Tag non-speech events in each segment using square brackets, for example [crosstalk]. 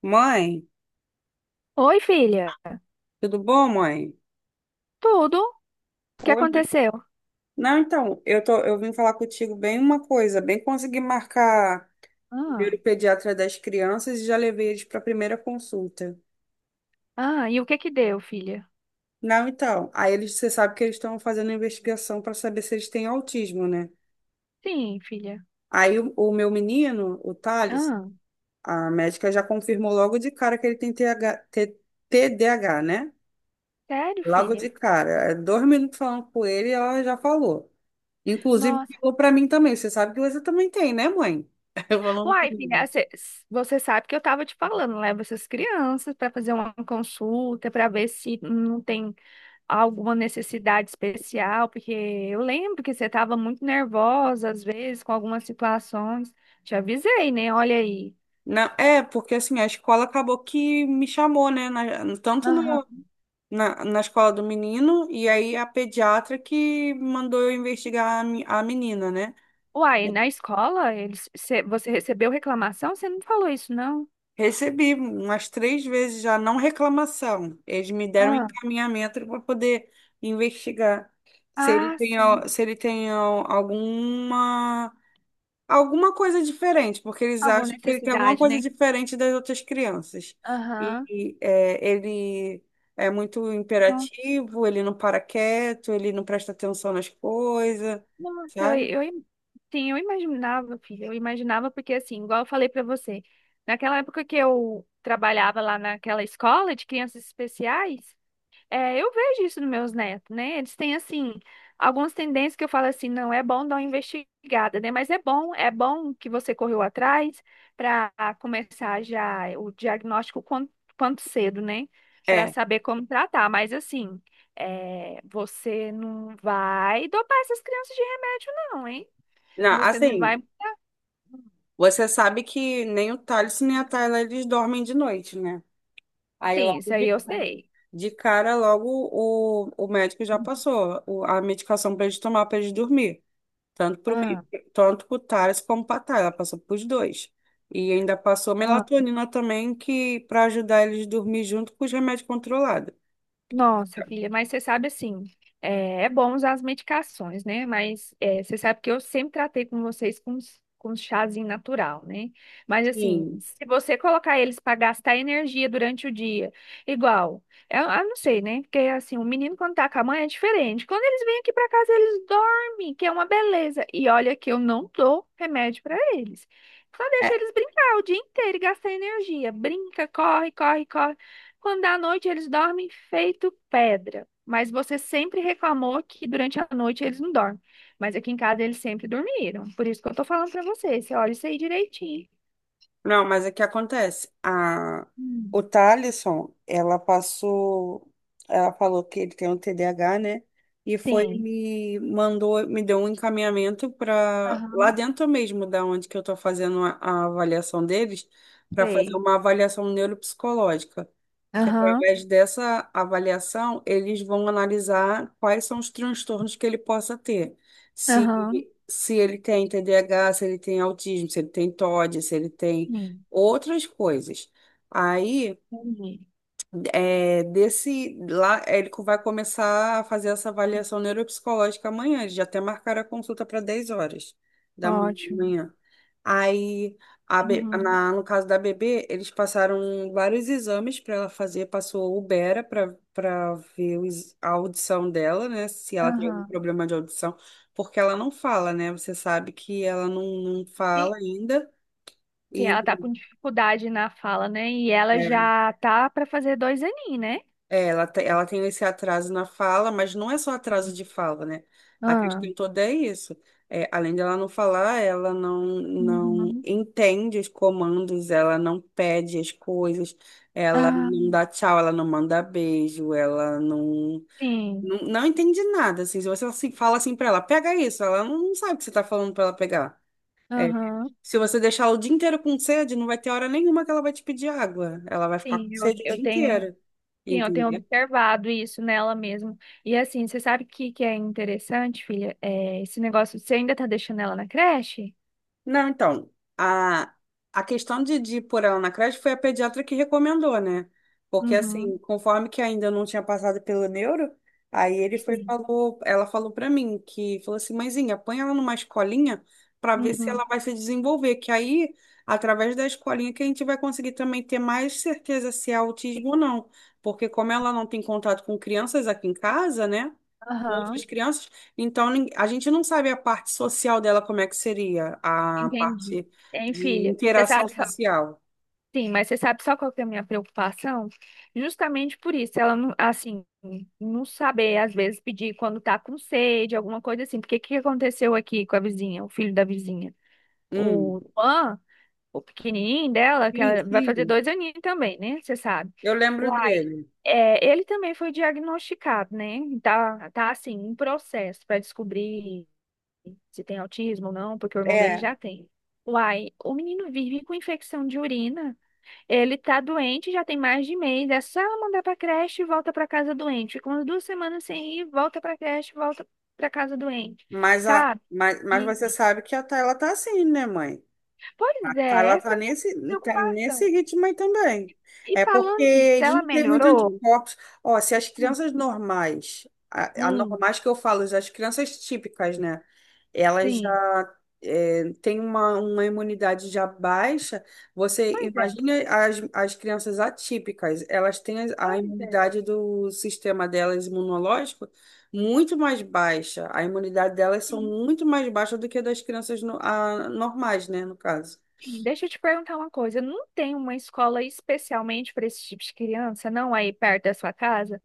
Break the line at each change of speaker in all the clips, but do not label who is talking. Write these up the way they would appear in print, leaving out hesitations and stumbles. Mãe,
Oi, filha.
tudo bom, mãe?
Tudo? O que
Oi, mãe.
aconteceu?
Não, então, eu vim falar contigo bem uma coisa, bem consegui marcar o
Ah,
primeiro pediatra das crianças e já levei eles para a primeira consulta.
e o que que deu, filha?
Não, então, você sabe que eles estão fazendo investigação para saber se eles têm autismo, né?
Sim, filha.
Aí o meu menino, o Thales,
Ah,
a médica já confirmou logo de cara que ele tem TDAH, né?
sério,
Logo de
filha?
cara. 2 minutos falando com ele, ela já falou. Inclusive,
Nossa.
ficou pra mim também. Você sabe que você também tem, né, mãe? [laughs] Falando
Uai, filha,
comigo.
você sabe que eu tava te falando, leva essas crianças para fazer uma consulta, para ver se não tem alguma necessidade especial, porque eu lembro que você tava muito nervosa às vezes com algumas situações. Te avisei, né? Olha aí.
Não, é, porque assim, a escola acabou que me chamou, né? na- tanto
Aham.
no- na, na escola do menino, e aí a pediatra que mandou eu investigar a menina, né?
Uai, na escola, eles, você recebeu reclamação? Você não falou isso, não?
Recebi umas três vezes já, não reclamação. Eles me deram um
Ah,
encaminhamento para poder investigar
ah, sim.
se ele tem al- alguma coisa diferente, porque eles
Alguma
acham que ele tem alguma
necessidade,
coisa
né?
diferente das outras crianças.
Aham.
E ele é muito
Nossa,
imperativo, ele não para quieto, ele não presta atenção nas coisas,
nossa, eu,
sabe?
eu, sim, eu imaginava, filha, eu imaginava porque, assim, igual eu falei pra você, naquela época que eu trabalhava lá naquela escola de crianças especiais, é, eu vejo isso nos meus netos, né? Eles têm, assim, algumas tendências que eu falo assim, não é bom dar uma investigada, né? Mas é bom que você correu atrás para começar já o diagnóstico quanto, quanto cedo, né? Para
É.
saber como tratar. Mas, assim, é, você não vai dopar essas crianças de remédio, não, hein?
Não,
Você não vai.
assim, você sabe que nem o Thales nem a Tayla eles dormem de noite, né? Aí
Sim,
logo
isso aí
de,
eu sei.
de cara, logo o médico já passou a medicação para eles tomar para eles dormir. Tanto pro, mi-
Ah.
tanto pro Thales como pra Thay, ela passou pros dois. E ainda passou melatonina também, que para ajudar eles a dormir junto com os remédios controlados.
Nossa, filha, mas você sabe assim, é, é bom usar as medicações, né? Mas é, você sabe que eu sempre tratei com vocês com, com chazinho natural, né? Mas assim,
Sim.
se você colocar eles para gastar energia durante o dia, igual, é, eu não sei, né? Porque assim, o menino quando tá com a mãe é diferente. Quando eles vêm aqui para casa, eles dormem, que é uma beleza. E olha que eu não dou remédio para eles. Só deixa eles brincar o dia inteiro e gastar energia. Brinca, corre, corre, corre. Quando dá noite, eles dormem feito pedra. Mas você sempre reclamou que durante a noite eles não dormem. Mas aqui em casa eles sempre dormiram. Por isso que eu tô falando pra você. Você olha isso aí direitinho.
Não, mas o que acontece? A,
Hum.
o Thalisson, ela passou, ela falou que ele tem um TDAH, né? E foi,
Sim,
me mandou, me deu um encaminhamento para lá
aham.
dentro mesmo, da onde que eu tô fazendo a avaliação deles, para fazer
Sei.
uma avaliação neuropsicológica. Que
Aham,
através dessa avaliação, eles vão analisar quais são os transtornos que ele possa ter. Se,
aham.
se ele tem TDAH, se ele tem autismo, se ele tem TOD, se ele tem
Sim,
outras coisas. Aí,
entendi.
desse lá, vai começar a fazer essa avaliação neuropsicológica amanhã. Eles já até marcaram a consulta para 10 horas da
Ótimo.
manhã. Aí,
Aham.
no caso da bebê, eles passaram vários exames para ela fazer. Passou o Bera para ver a audição dela, né? Se ela tem algum
Aham.
problema de audição, porque ela não fala, né? Você sabe que ela não
Sim,
fala ainda.
sim,
E
ela tá com dificuldade na fala, né? E ela já tá pra fazer dois aninhos, né?
É, ela tem esse atraso na fala, mas não é só atraso de fala, né? A
Ah,
questão toda é isso. É, além dela não falar, ela não
uhum.
entende os comandos, ela não pede as coisas, ela não
Ah,
dá tchau, ela não manda beijo, ela não,
sim.
não, não entende nada. Assim, se você assim, fala assim pra ela, pega isso, ela não sabe o que você tá falando pra ela pegar. É,
Aham,
se você deixar ela o dia inteiro com sede, não vai ter hora nenhuma que ela vai te pedir água. Ela vai ficar com
sim.
sede o
Eu
dia
tenho.
inteiro.
Sim, eu tenho
Entendeu?
observado isso nela mesmo. E assim, você sabe o que, que é interessante, filha? É, esse negócio, você ainda tá deixando ela na creche?
Não, então, a, a questão de pôr ela na creche foi a pediatra que recomendou, né? Porque, assim,
Uhum.
conforme que ainda não tinha passado pelo neuro, aí ele foi,
Sim.
falou, ela falou pra mim que, falou assim, mãezinha, põe ela numa escolinha pra ver se ela
Uhum.
vai se desenvolver, que aí, através da escolinha, que a gente vai conseguir também ter mais certeza se é
Sim.
autismo ou não. Porque como ela não tem contato com crianças aqui em casa, né? Com
Aham.
outras crianças, então a gente não sabe a parte social dela como é que seria, a
Entendi.
parte
Hein,
de
filha? Você
interação
sabe só.
social.
Sim, mas você sabe só qual que é a minha preocupação? Justamente por isso, ela não, assim, não saber, às vezes, pedir quando tá com sede, alguma coisa assim. Porque o que aconteceu aqui com a vizinha, o filho da vizinha? O
Hum,
Juan, o pequenininho dela, que
sim,
ela vai fazer
sim,
dois aninhos também, né? Você sabe.
eu lembro
Uai,
dele.
é, ele também foi diagnosticado, né? Tá, tá assim, em processo para descobrir se tem autismo ou não, porque o irmão dele
É,
já tem. Uai, o menino vive com infecção de urina. Ele tá doente, já tem mais de mês. É só ela mandar pra creche e volta pra casa doente. Fica umas duas semanas sem ir, volta pra creche, volta pra casa doente,
mas, a,
sabe?
mas, mas
E-
você sabe que a ela tá assim, né, mãe? A
Pois é,
Carla
essa
tá
é a minha
nesse, tá nesse
preocupação.
ritmo aí também.
E
É porque
falando nisso,
eles
ela
não têm muito
melhorou?
anticorpos. Ó, se as
Hum,
crianças normais,
hum,
anormais que eu falo, as crianças típicas, né? Elas
sim.
já têm uma imunidade já baixa. Você
Pois é,
imagina as crianças atípicas, elas têm a
pois é.
imunidade do sistema delas imunológico muito mais baixa. A imunidade delas são
Sim,
muito mais baixa do que a das crianças normais, né, no caso.
sim. Deixa eu te perguntar uma coisa. Não tem uma escola especialmente para esse tipo de criança, não, aí perto da sua casa?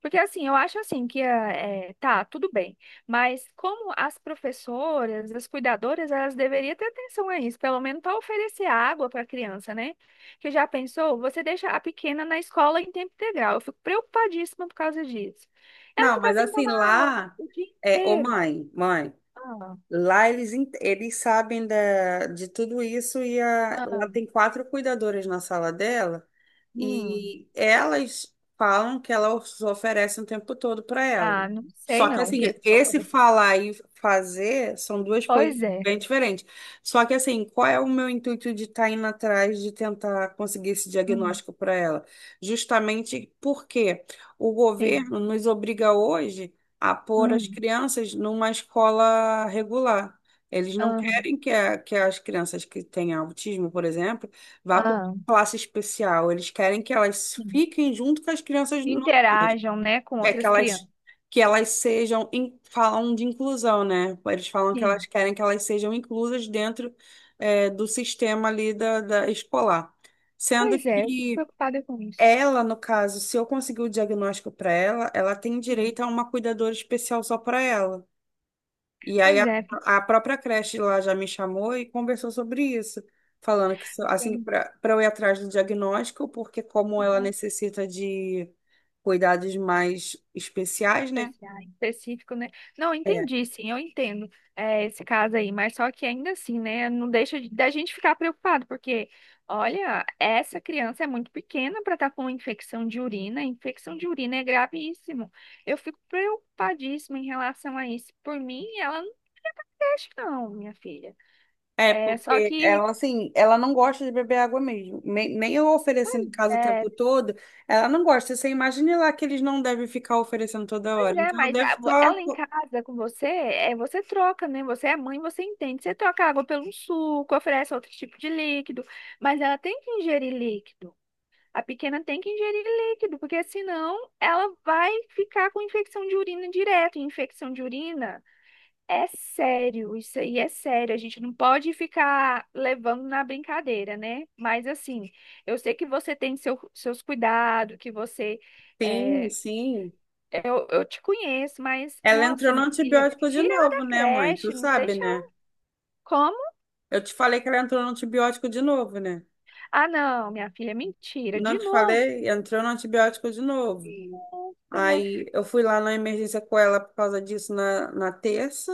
Porque assim, eu acho assim que é, é, tá, tudo bem, mas como as professoras, as cuidadoras, elas deveriam ter atenção a isso, pelo menos para oferecer água para a criança, né? Que já pensou, você deixa a pequena na escola em tempo integral. Eu fico preocupadíssima por causa disso. Ela
Não,
fica
mas
sem
assim,
tomar água
lá
o dia
ô
inteiro.
mãe, mãe,
Ah,
lá eles sabem de tudo isso e ela
ah,
tem quatro cuidadoras na sala dela
hum,
e elas falam que ela os oferece o tempo todo para ela.
ah, não sei
Só que
não o
assim,
que que você
esse
oferece.
falar e fazer são duas coisas
Pois é.
bem diferentes. Só que assim, qual é o meu intuito de estar indo atrás de tentar conseguir esse
Hum,
diagnóstico para ela? Justamente porque o
sim.
governo nos obriga hoje a pôr as
Hum,
crianças numa escola regular. Eles não
aham,
querem que, que as crianças que têm autismo, por exemplo, vá para uma
ah,
classe especial. Eles querem que elas
sim.
fiquem junto com as crianças normais.
Interajam, né, com
É que
outras crianças.
elas sejam, falam de inclusão, né? Eles falam que elas
Sim.
querem que elas sejam inclusas dentro, do sistema ali da escolar. Sendo
Pois é, eu fico
que
preocupada com isso.
ela, no caso, se eu conseguir o diagnóstico para ela, ela tem
Hum.
direito a uma cuidadora especial só para ela. E aí
Pois
a,
é,
a própria creche lá já me chamou e conversou sobre isso, falando que se- assim
tem
para eu ir atrás do diagnóstico, porque como ela
um
necessita de cuidados mais especiais, né?
especial, específico, né? Não,
É.
entendi, sim, eu entendo é, esse caso aí, mas só que ainda assim, né? Não deixa de- Da gente ficar preocupado, porque, olha, essa criança é muito pequena para estar com infecção de urina é gravíssimo. Eu fico preocupadíssima em relação a isso. Por mim, ela não deixa, não, minha filha.
É,
É, só
porque
que.
ela, assim, ela não gosta de beber água mesmo. Nem eu oferecendo em casa o tempo
É.
todo, ela não gosta. Você imagine lá que eles não devem ficar oferecendo toda
Pois
hora.
é,
Então, ela
mas
deve ficar.
ela em casa com você, é, você troca, né? Você é mãe, você entende. Você troca água pelo suco, oferece outro tipo de líquido, mas ela tem que ingerir líquido. A pequena tem que ingerir líquido, porque senão ela vai ficar com infecção de urina direto. E infecção de urina é sério, isso aí é sério. A gente não pode ficar levando na brincadeira, né? Mas assim, eu sei que você tem seu, seus cuidados, que você.
Sim,
Eh,
sim.
eu te conheço, mas,
Ela
nossa,
entrou no
minha filha,
antibiótico de
tira ela
novo,
da
né, mãe? Tu
creche, não
sabe,
deixa
né?
ela. Como?
Eu te falei que ela entrou no antibiótico de novo, né?
Ah, não, minha filha, mentira, de
Não te
novo.
falei? Entrou no antibiótico de novo.
Nossa, minha
Aí
filha,
eu fui lá na emergência com ela por causa disso na terça.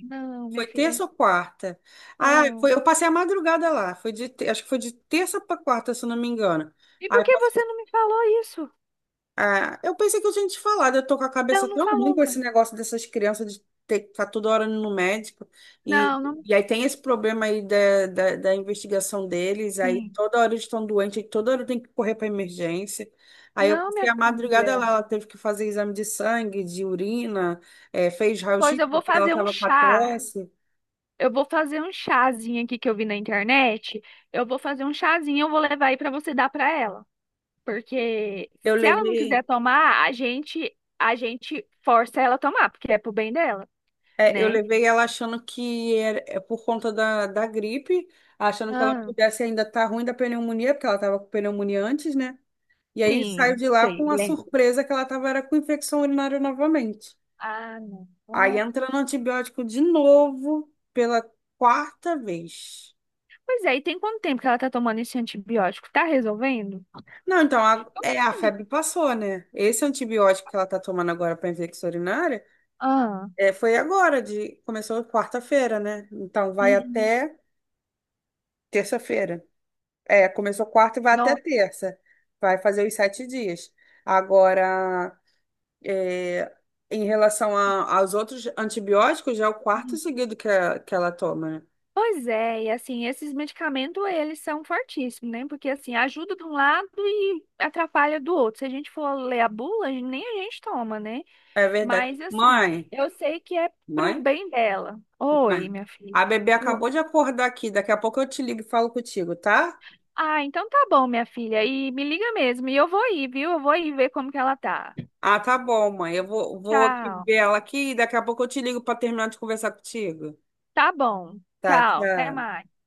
não, minha
Foi
filha,
terça ou quarta? Ah,
não.
foi, eu passei a madrugada lá. Acho que foi de terça para quarta, se eu não me engano.
E por
Aí
que você não me falou isso?
Ah, eu pensei que eu tinha te falado, eu tô com a cabeça
Não, não
tão ruim
falou,
com esse
não.
negócio dessas crianças de ter que ficar toda hora indo no médico.
Não,
E,
não me
e aí tem
falou.
esse problema aí da investigação deles, aí
Sim.
toda hora eles estão doentes, aí toda hora tem que correr para emergência. Aí eu
Não,
passei
minha
a madrugada lá,
filha.
ela teve que fazer exame de sangue, de urina, fez
Pois
raio-x
eu vou
porque ela
fazer um
estava com a
chá.
tosse.
Eu vou fazer um chazinho aqui que eu vi na internet. Eu vou fazer um chazinho, eu vou levar aí pra você dar pra ela. Porque
Eu
se ela não quiser
levei.
tomar, a gente força ela a tomar, porque é pro bem dela,
É, eu
né?
levei ela achando que é por conta da gripe, achando que ela
Ah,
pudesse ainda estar ruim da pneumonia, porque ela estava com pneumonia antes, né? E aí saiu
sim,
de lá
sei,
com a
lembro.
surpresa que ela estava era com infecção urinária novamente.
Ah, não.
Aí
Bom.
entra no antibiótico de novo pela quarta vez.
Pois é, e tem quanto tempo que ela tá tomando esse antibiótico? Tá resolvendo?
Não, então, a,
Tô
é, a
lendo.
febre passou, né? Esse antibiótico que ela está tomando agora para infecção urinária
Ah,
foi agora, começou quarta-feira, né? Então vai
uhum.
até terça-feira. É, começou quarta e vai até
Nossa.
terça. Vai fazer os 7 dias. Agora, é, em relação aos outros antibióticos, já é o quarto seguido que ela toma, né?
Pois é, e assim, esses medicamentos, eles são fortíssimos, né? Porque assim, ajuda de um lado e atrapalha do outro. Se a gente for ler a bula, nem a gente toma, né?
É verdade.
Mas assim,
Mãe,
eu sei que é pro
mãe,
bem dela. Oi,
mãe.
minha filha.
A bebê
Oi.
acabou de acordar aqui. Daqui a pouco eu te ligo e falo contigo, tá?
Ah, então tá bom, minha filha. E me liga mesmo. E eu vou ir, viu? Eu vou ir ver como que ela tá.
Ah, tá bom, mãe. Eu vou aqui
Tchau.
ver ela aqui e daqui a pouco eu te ligo para terminar de conversar contigo.
Tá bom.
Tá,
Tchau. Até
tchau.
mais.